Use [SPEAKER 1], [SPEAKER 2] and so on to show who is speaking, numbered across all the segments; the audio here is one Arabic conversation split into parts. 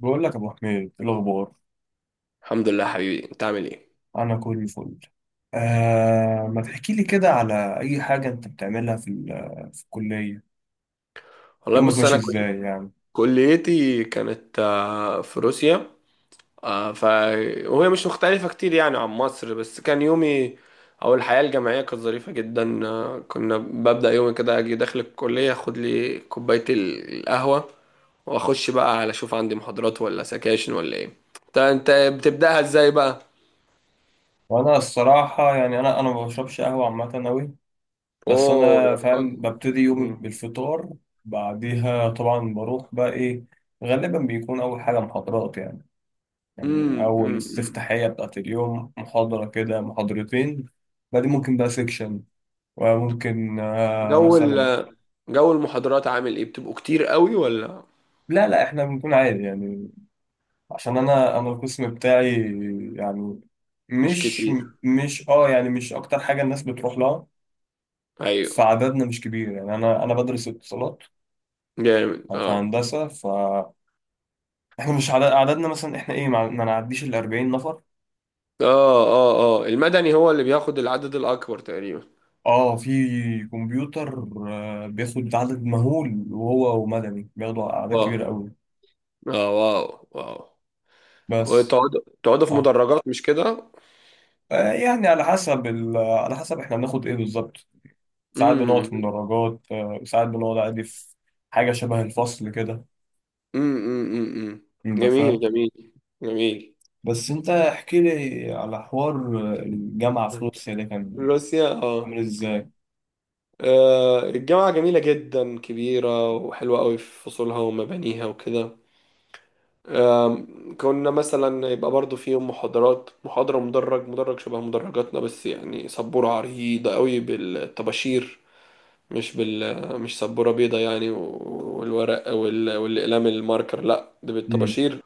[SPEAKER 1] بقول لك يا ابو حميد إيه الاخبار؟
[SPEAKER 2] الحمد لله، حبيبي. انت عامل ايه؟
[SPEAKER 1] انا كل فل. ما تحكي لي كده على اي حاجه انت بتعملها في في الكليه،
[SPEAKER 2] والله،
[SPEAKER 1] يومك
[SPEAKER 2] بص.
[SPEAKER 1] ماشي ازاي يعني.
[SPEAKER 2] كليتي كانت في روسيا. آه، ف وهي مش مختلفة كتير يعني عن مصر، بس كان يومي او الحياة الجامعية كانت ظريفة جدا. كنا ببدأ يومي كده، اجي داخل الكلية اخد لي كوباية القهوة، واخش بقى على اشوف عندي محاضرات ولا سكاشن ولا ايه. انت بتبدأها ازاي بقى؟
[SPEAKER 1] وانا الصراحه يعني انا ما بشربش قهوه عامه قوي، بس
[SPEAKER 2] اوه
[SPEAKER 1] انا
[SPEAKER 2] يا
[SPEAKER 1] فاهم
[SPEAKER 2] راجل.
[SPEAKER 1] ببتدي يومي
[SPEAKER 2] مم.
[SPEAKER 1] بالفطار. بعديها طبعا بروح بقى ايه، غالبا بيكون اول حاجه محاضرات يعني، يعني
[SPEAKER 2] مم.
[SPEAKER 1] اول
[SPEAKER 2] مم.
[SPEAKER 1] استفتاحيه بتاعت اليوم محاضره كده محاضرتين. بعدين ممكن بقى سيكشن، وممكن
[SPEAKER 2] جو
[SPEAKER 1] مثلا.
[SPEAKER 2] ال- جو المحاضرات عامل ايه، بتبقوا كتير قوي ولا
[SPEAKER 1] لا احنا بنكون عادي يعني، عشان انا القسم بتاعي يعني،
[SPEAKER 2] مش
[SPEAKER 1] مش،
[SPEAKER 2] كتير؟
[SPEAKER 1] مش اكتر حاجه الناس بتروح لها.
[SPEAKER 2] ايوه
[SPEAKER 1] فعددنا مش كبير يعني، انا بدرس اتصالات
[SPEAKER 2] جامد.
[SPEAKER 1] في
[SPEAKER 2] اه
[SPEAKER 1] هندسه، فاحنا مش عدد، عددنا مثلا احنا ايه ما نعديش ال 40 نفر.
[SPEAKER 2] اه اه اه. المدني هو اللي بياخد العدد الاكبر تقريبا.
[SPEAKER 1] اه في كمبيوتر بياخد عدد مهول، وهو ومدني بياخدوا اعداد
[SPEAKER 2] واو.
[SPEAKER 1] كبيره قوي.
[SPEAKER 2] اه، واو واو.
[SPEAKER 1] بس
[SPEAKER 2] وتقعدوا في
[SPEAKER 1] اه
[SPEAKER 2] مدرجات، مش كده؟
[SPEAKER 1] يعني على حسب ال... على حسب احنا بناخد ايه بالظبط، ساعات بنقعد
[SPEAKER 2] امم
[SPEAKER 1] في مدرجات، ساعات بنقعد عادي في حاجة شبه الفصل كده،
[SPEAKER 2] أمم.
[SPEAKER 1] انت
[SPEAKER 2] جميل
[SPEAKER 1] فاهم.
[SPEAKER 2] جميل جميل.
[SPEAKER 1] بس انت احكي لي على حوار، الجامعة في روسيا ده كان
[SPEAKER 2] روسيا، اه.
[SPEAKER 1] عامل ازاي؟
[SPEAKER 2] الجامعة جميلة جدا، كبيرة وحلوة قوي في فصولها ومبانيها وكده. كنا مثلا يبقى برضو فيهم محاضرات، محاضرة مدرج شبه مدرجاتنا، بس يعني سبورة عريضة قوي بالطباشير. مش سبورة بيضة يعني، والورق والأقلام الماركر، لا ده
[SPEAKER 1] امم،
[SPEAKER 2] بالطباشير.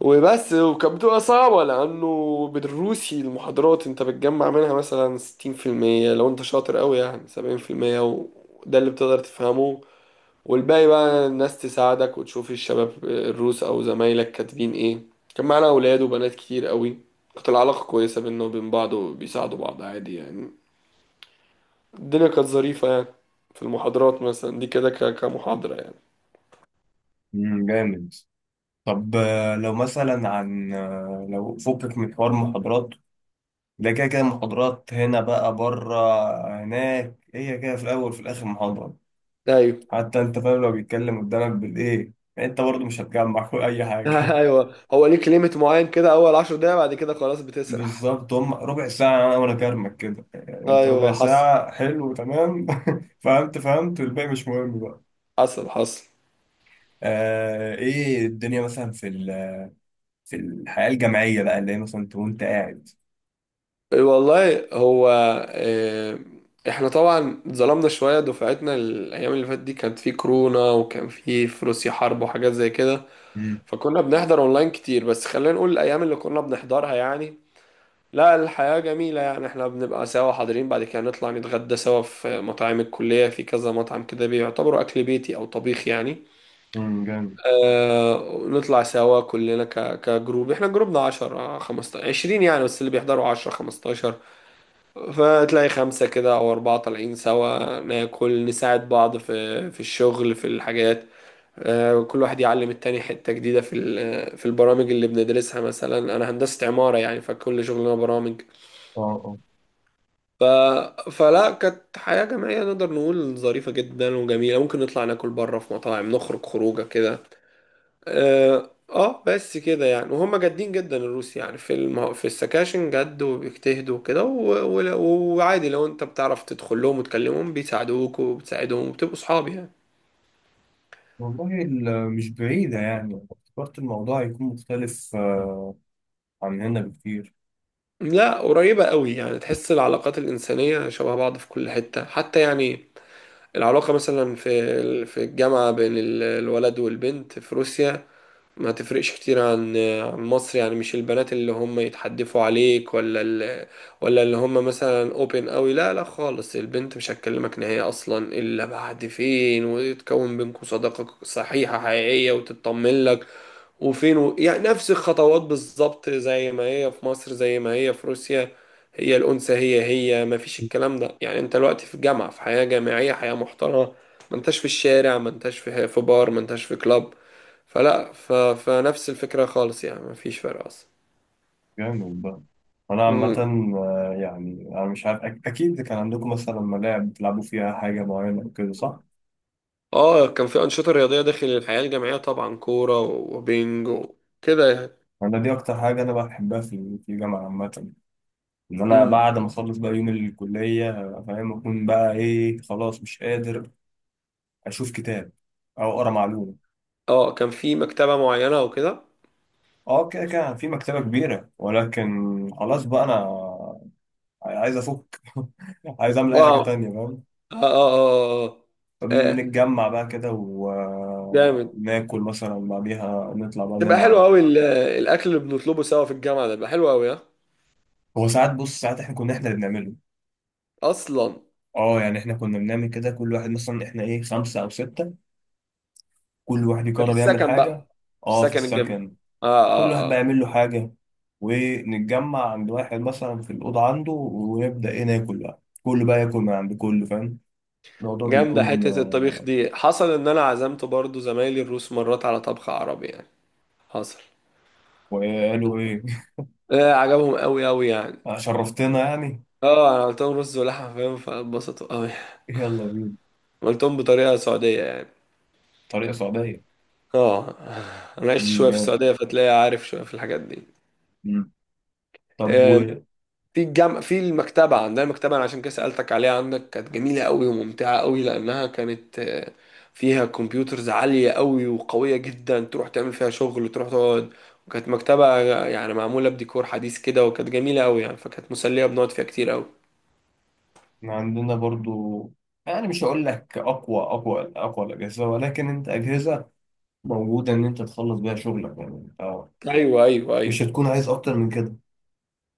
[SPEAKER 2] وبس. وكانت بتبقى صعبة، لأنه بالروسي المحاضرات أنت بتجمع منها مثلا 60%، لو أنت شاطر قوي يعني 70%، وده اللي بتقدر تفهمه. والباقي بقى الناس تساعدك، وتشوف الشباب الروس او زمايلك كاتبين ايه. كان معانا اولاد وبنات كتير قوي. كانت العلاقة كويسة بينا وبين بعض، وبيساعدوا بعض عادي يعني. الدنيا كانت ظريفة يعني. في المحاضرات مثلا دي كده، كمحاضرة يعني.
[SPEAKER 1] أمم، جامد. طب لو مثلا عن لو فكك من حوار محاضرات، ده كده كده محاضرات هنا بقى بره، هناك هي كده في الأول في الآخر محاضرة،
[SPEAKER 2] ايوه.
[SPEAKER 1] حتى انت فاهم لو بيتكلم قدامك بالايه يعني، انت برضه مش هتجمع اي حاجة.
[SPEAKER 2] ايوه، هو ليك ليميت معين كده، اول 10 دقايق بعد كده خلاص بتسرح.
[SPEAKER 1] بالظبط، هم ربع ساعة وأنا كرمك كده يعني، أنت ربع
[SPEAKER 2] ايوه، حصل.
[SPEAKER 1] ساعة حلو تمام. فهمت فهمت، والباقي مش مهم بقى.
[SPEAKER 2] حصل حصل.
[SPEAKER 1] آه إيه الدنيا مثلا في في الحياة الجامعية بقى، اللي هي مثلا أنت وأنت قاعد.
[SPEAKER 2] والله هو. آه، احنا طبعا اتظلمنا شوية. دفعتنا الأيام اللي فاتت دي كانت في كورونا، وكان في روسيا حرب وحاجات زي كده،
[SPEAKER 1] مم.
[SPEAKER 2] فكنا بنحضر أونلاين كتير. بس خلينا نقول الأيام اللي كنا بنحضرها يعني. لا، الحياة جميلة يعني، احنا بنبقى سوا حاضرين، بعد كده نطلع نتغدى سوا في مطاعم الكلية، في كذا مطعم كده بيعتبروا أكل بيتي أو طبيخ يعني.
[SPEAKER 1] جامد.
[SPEAKER 2] نطلع سوا كلنا كجروب. احنا جروبنا 10 15 20 يعني، بس اللي بيحضروا 10 15، فتلاقي خمسة كده أو أربعة طالعين سوا، ناكل نساعد بعض في الشغل في الحاجات. كل واحد يعلم التاني حتة جديدة في البرامج اللي بندرسها. مثلا أنا هندسة عمارة يعني، فكل شغلنا برامج.
[SPEAKER 1] اه اه.
[SPEAKER 2] ف... فلا، كانت حياة جماعية نقدر نقول ظريفة جدا وجميلة. ممكن نطلع ناكل بره في مطاعم، نخرج خروجة كده. اه. بس كده يعني. وهم جادين جدا الروس يعني، في السكاشن جد، وبيجتهدوا وكده. وعادي لو انت بتعرف تدخل لهم وتكلمهم بيساعدوك وبتساعدهم وبتبقوا صحاب يعني.
[SPEAKER 1] والله مش بعيدة يعني، افتكرت الموضوع هيكون مختلف عن هنا بكتير.
[SPEAKER 2] لا، قريبة قوي يعني، تحس العلاقات الإنسانية شبه بعض في كل حتة حتى يعني. العلاقة مثلا في الجامعة بين الولد والبنت في روسيا، ما تفرقش كتير عن مصر يعني. مش البنات اللي هم يتحدفوا عليك، ولا اللي هم مثلا اوبن قوي. لا لا خالص، البنت مش هتكلمك نهائي اصلا الا بعد فين، ويتكون بينكم صداقة صحيحة حقيقية وتطمن لك يعني نفس الخطوات بالظبط، زي ما هي في مصر زي ما هي في روسيا. هي الأنثى هي هي، ما فيش الكلام ده يعني. انت دلوقتي في جامعة، في حياة جامعية، حياة محترمة. ما انتش في الشارع، ما انتش في بار، ما انتش في كلاب. فلا، فنفس الفكرة خالص يعني، مفيش فرق أصلا.
[SPEAKER 1] جامد بقى. أنا عامة
[SPEAKER 2] مم.
[SPEAKER 1] يعني أنا مش عارف أكيد كان عندكم مثلا ملاعب بتلعبوا فيها حاجة معينة أو كده صح؟
[SPEAKER 2] اه، كان في أنشطة رياضية داخل الحياة الجامعية طبعا، كورة وبينج وكده يعني.
[SPEAKER 1] انا دي اكتر حاجه انا بحبها في في الجامعه عامه، ان انا
[SPEAKER 2] مم.
[SPEAKER 1] بعد ما اخلص بقى يوم الكليه أبقى فاهم اكون بقى ايه، خلاص مش قادر اشوف كتاب او اقرا معلومه.
[SPEAKER 2] اه، كان في مكتبة معينة وكده.
[SPEAKER 1] اه كده كده في مكتبه كبيره ولكن خلاص بقى انا عايز افك، عايز اعمل اي حاجه
[SPEAKER 2] اه
[SPEAKER 1] تانية فاهم.
[SPEAKER 2] اه اه اه اه. آه، آه،
[SPEAKER 1] بنتجمع بقى كده
[SPEAKER 2] جامد.
[SPEAKER 1] وناكل مثلا، بعديها نطلع بقى
[SPEAKER 2] تبقى
[SPEAKER 1] نلعب.
[SPEAKER 2] حلو أوي الأكل اللي بنطلبه سوا في الجامعة، ده بيبقى حلو أوي، ها؟
[SPEAKER 1] هو ساعات بص، ساعات احنا كنا احنا اللي بنعمله.
[SPEAKER 2] أصلا
[SPEAKER 1] اه يعني احنا كنا بنعمل كده، كل واحد مثلا احنا ايه خمسة او ستة، كل واحد
[SPEAKER 2] ده في
[SPEAKER 1] يقرر يعمل
[SPEAKER 2] السكن بقى،
[SPEAKER 1] حاجة.
[SPEAKER 2] في
[SPEAKER 1] اه في
[SPEAKER 2] السكن الجامعي.
[SPEAKER 1] السكن،
[SPEAKER 2] اه
[SPEAKER 1] كل واحد
[SPEAKER 2] اه
[SPEAKER 1] بقى
[SPEAKER 2] اه.
[SPEAKER 1] يعمل له حاجة، ونتجمع عند واحد مثلا في الأوضة عنده، ونبدأ ايه ناكل بقى، كله بقى ياكل من عند كله، فاهم. الموضوع
[SPEAKER 2] جامدة
[SPEAKER 1] بيكون
[SPEAKER 2] حتة الطبيخ دي. حصل إن أنا عزمت برضو زمايلي الروس مرات على طبخ عربي يعني. حصل.
[SPEAKER 1] وقالوا ايه.
[SPEAKER 2] لا، عجبهم قوي قوي يعني.
[SPEAKER 1] شرفتنا يعني.
[SPEAKER 2] اه، انا قلت لهم رز ولحمه فاهم، فاتبسطوا قوي.
[SPEAKER 1] يلا بينا.
[SPEAKER 2] قلتهم بطريقه سعوديه يعني.
[SPEAKER 1] طريقة سعودية.
[SPEAKER 2] اه، انا عشت
[SPEAKER 1] مم،
[SPEAKER 2] شويه في
[SPEAKER 1] جامد.
[SPEAKER 2] السعوديه، فتلاقي عارف شويه في الحاجات دي.
[SPEAKER 1] مم. طب.
[SPEAKER 2] آه، في الجامعة في المكتبة عندنا، المكتبة أنا عشان كده سألتك عليها عندك. كانت جميلة قوي وممتعة قوي، لأنها كانت فيها كمبيوترز عالية قوي وقوية جدا، تروح تعمل فيها شغل تروح تقعد. وكانت مكتبة يعني معمولة بديكور حديث كده، وكانت جميلة قوي يعني، فكانت مسلية بنقعد فيها كتير قوي.
[SPEAKER 1] وعندنا برضو يعني مش هقول لك اقوى الاجهزه، ولكن انت اجهزه موجوده ان انت تخلص بيها شغلك يعني، انت
[SPEAKER 2] أيوه أيوه
[SPEAKER 1] مش
[SPEAKER 2] أيوه.
[SPEAKER 1] هتكون عايز اكتر من كده.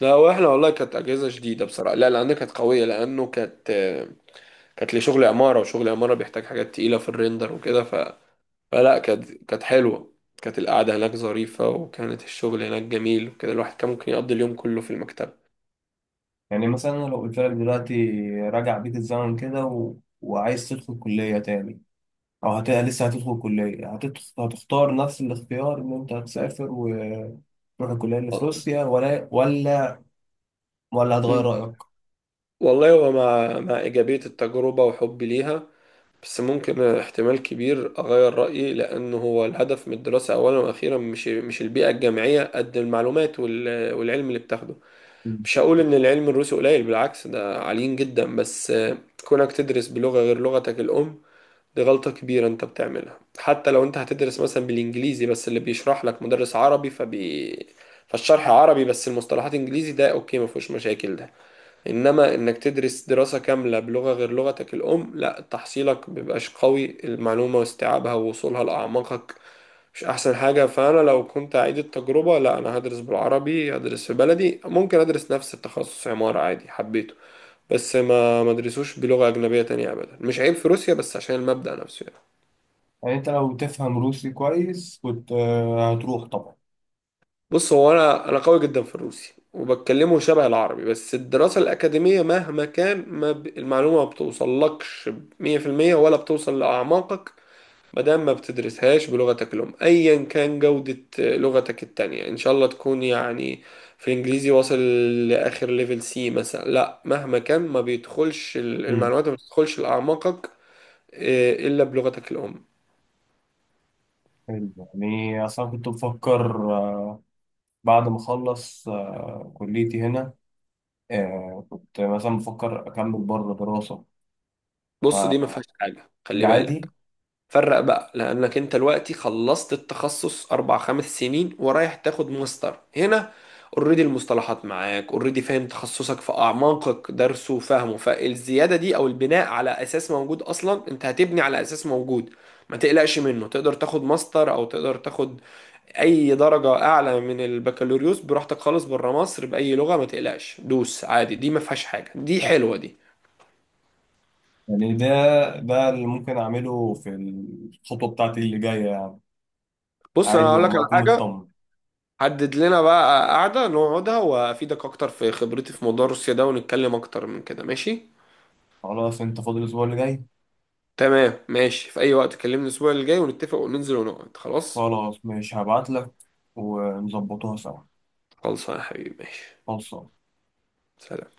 [SPEAKER 2] لا، واحنا والله كانت اجهزه شديده بصراحه. لا، لان كانت قويه، لانه كانت كانت لشغل عماره، وشغل عماره بيحتاج حاجات تقيله في الريندر وكده. فلا، كانت حلوه. كانت القعده هناك ظريفه، وكانت الشغل هناك جميل وكده. الواحد كان ممكن يقضي اليوم كله في المكتبه.
[SPEAKER 1] يعني مثلا أنا لو قلت لك دلوقتي راجع بيك الزمن كده وعايز تدخل كلية تاني، أو لسه هتدخل كلية، هتدخل... هتختار نفس الاختيار إن أنت هتسافر وتروح الكلية اللي في
[SPEAKER 2] آه.
[SPEAKER 1] روسيا، ولا ولا هتغير
[SPEAKER 2] أمم.
[SPEAKER 1] رأيك؟
[SPEAKER 2] والله، هو مع ايجابيه التجربه وحبي ليها، بس ممكن احتمال كبير اغير رايي. لانه هو الهدف من الدراسه اولا واخيرا مش البيئه الجامعيه، قد المعلومات والعلم اللي بتاخده.
[SPEAKER 1] مم.
[SPEAKER 2] مش هقول ان العلم الروسي قليل، بالعكس ده عاليين جدا، بس كونك تدرس بلغة غير لغتك الام دي غلطة كبيرة انت بتعملها. حتى لو انت هتدرس مثلا بالانجليزي، بس اللي بيشرح لك مدرس عربي، فبي فالشرح عربي بس المصطلحات انجليزي، ده اوكي ما فيهوش مشاكل ده. انما انك تدرس دراسة كاملة بلغة غير لغتك الام، لا تحصيلك بيبقاش قوي، المعلومة واستيعابها ووصولها لأعماقك مش احسن حاجة. فانا لو كنت اعيد التجربة، لا، انا هدرس بالعربي، هدرس في بلدي. ممكن ادرس نفس التخصص عمارة عادي، حبيته، بس ما ادرسوش بلغة اجنبية تانية ابدا. مش عيب في روسيا، بس عشان المبدأ نفسه يعني.
[SPEAKER 1] يعني أنت لو تفهم روسي كويس كنت هتروح طبعا.
[SPEAKER 2] بص، هو انا قوي جدا في الروسي، وبتكلمه شبه العربي، بس الدراسة الأكاديمية مهما كان، ما ب... المعلومة ما بتوصلكش 100% ولا بتوصل لأعماقك، ما دام ما بتدرسهاش بلغتك الأم. أيا كان جودة لغتك التانية، إن شاء الله تكون يعني في الإنجليزي واصل لآخر ليفل سي مثلا، لا، مهما كان ما بيدخلش
[SPEAKER 1] مم.
[SPEAKER 2] المعلومات ما بتدخلش لأعماقك، إلا بلغتك الأم.
[SPEAKER 1] حلو. يعني أصلا كنت بفكر بعد ما أخلص كليتي هنا، كنت مثلا بفكر أكمل بره دراسة.
[SPEAKER 2] بص دي ما فيهاش
[SPEAKER 1] فدي
[SPEAKER 2] حاجة، خلي بالك.
[SPEAKER 1] عادي
[SPEAKER 2] فرق بقى، لانك انت دلوقتي خلصت التخصص 4 5 سنين، ورايح تاخد ماستر هنا. اوريدي المصطلحات معاك، اوريدي فاهم تخصصك في اعماقك، درسه وفهمه. فالزياده دي او البناء على اساس موجود، اصلا انت هتبني على اساس موجود، ما تقلقش منه. تقدر تاخد ماستر، او تقدر تاخد اي درجه اعلى من البكالوريوس براحتك خالص بره مصر باي لغه، ما تقلقش، دوس عادي، دي ما فيهاش حاجه، دي حلوه دي.
[SPEAKER 1] يعني. ده اللي ممكن اعمله في الخطوه بتاعتي اللي جايه يعني،
[SPEAKER 2] بص انا
[SPEAKER 1] عادي
[SPEAKER 2] هقول لك
[SPEAKER 1] لما
[SPEAKER 2] على
[SPEAKER 1] اكون
[SPEAKER 2] حاجه.
[SPEAKER 1] مطمن.
[SPEAKER 2] حدد لنا بقى قعدة نقعدها، وأفيدك أكتر في خبرتي في موضوع روسيا ده، ونتكلم أكتر من كده، ماشي؟
[SPEAKER 1] خلاص انت فاضل الاسبوع اللي جاي،
[SPEAKER 2] تمام ماشي، في أي وقت كلمني الأسبوع اللي جاي ونتفق وننزل ونقعد، خلاص؟
[SPEAKER 1] خلاص ماشي هبعت لك ونظبطوها سوا.
[SPEAKER 2] خلص يا حبيبي ماشي.
[SPEAKER 1] خلصان.
[SPEAKER 2] سلام.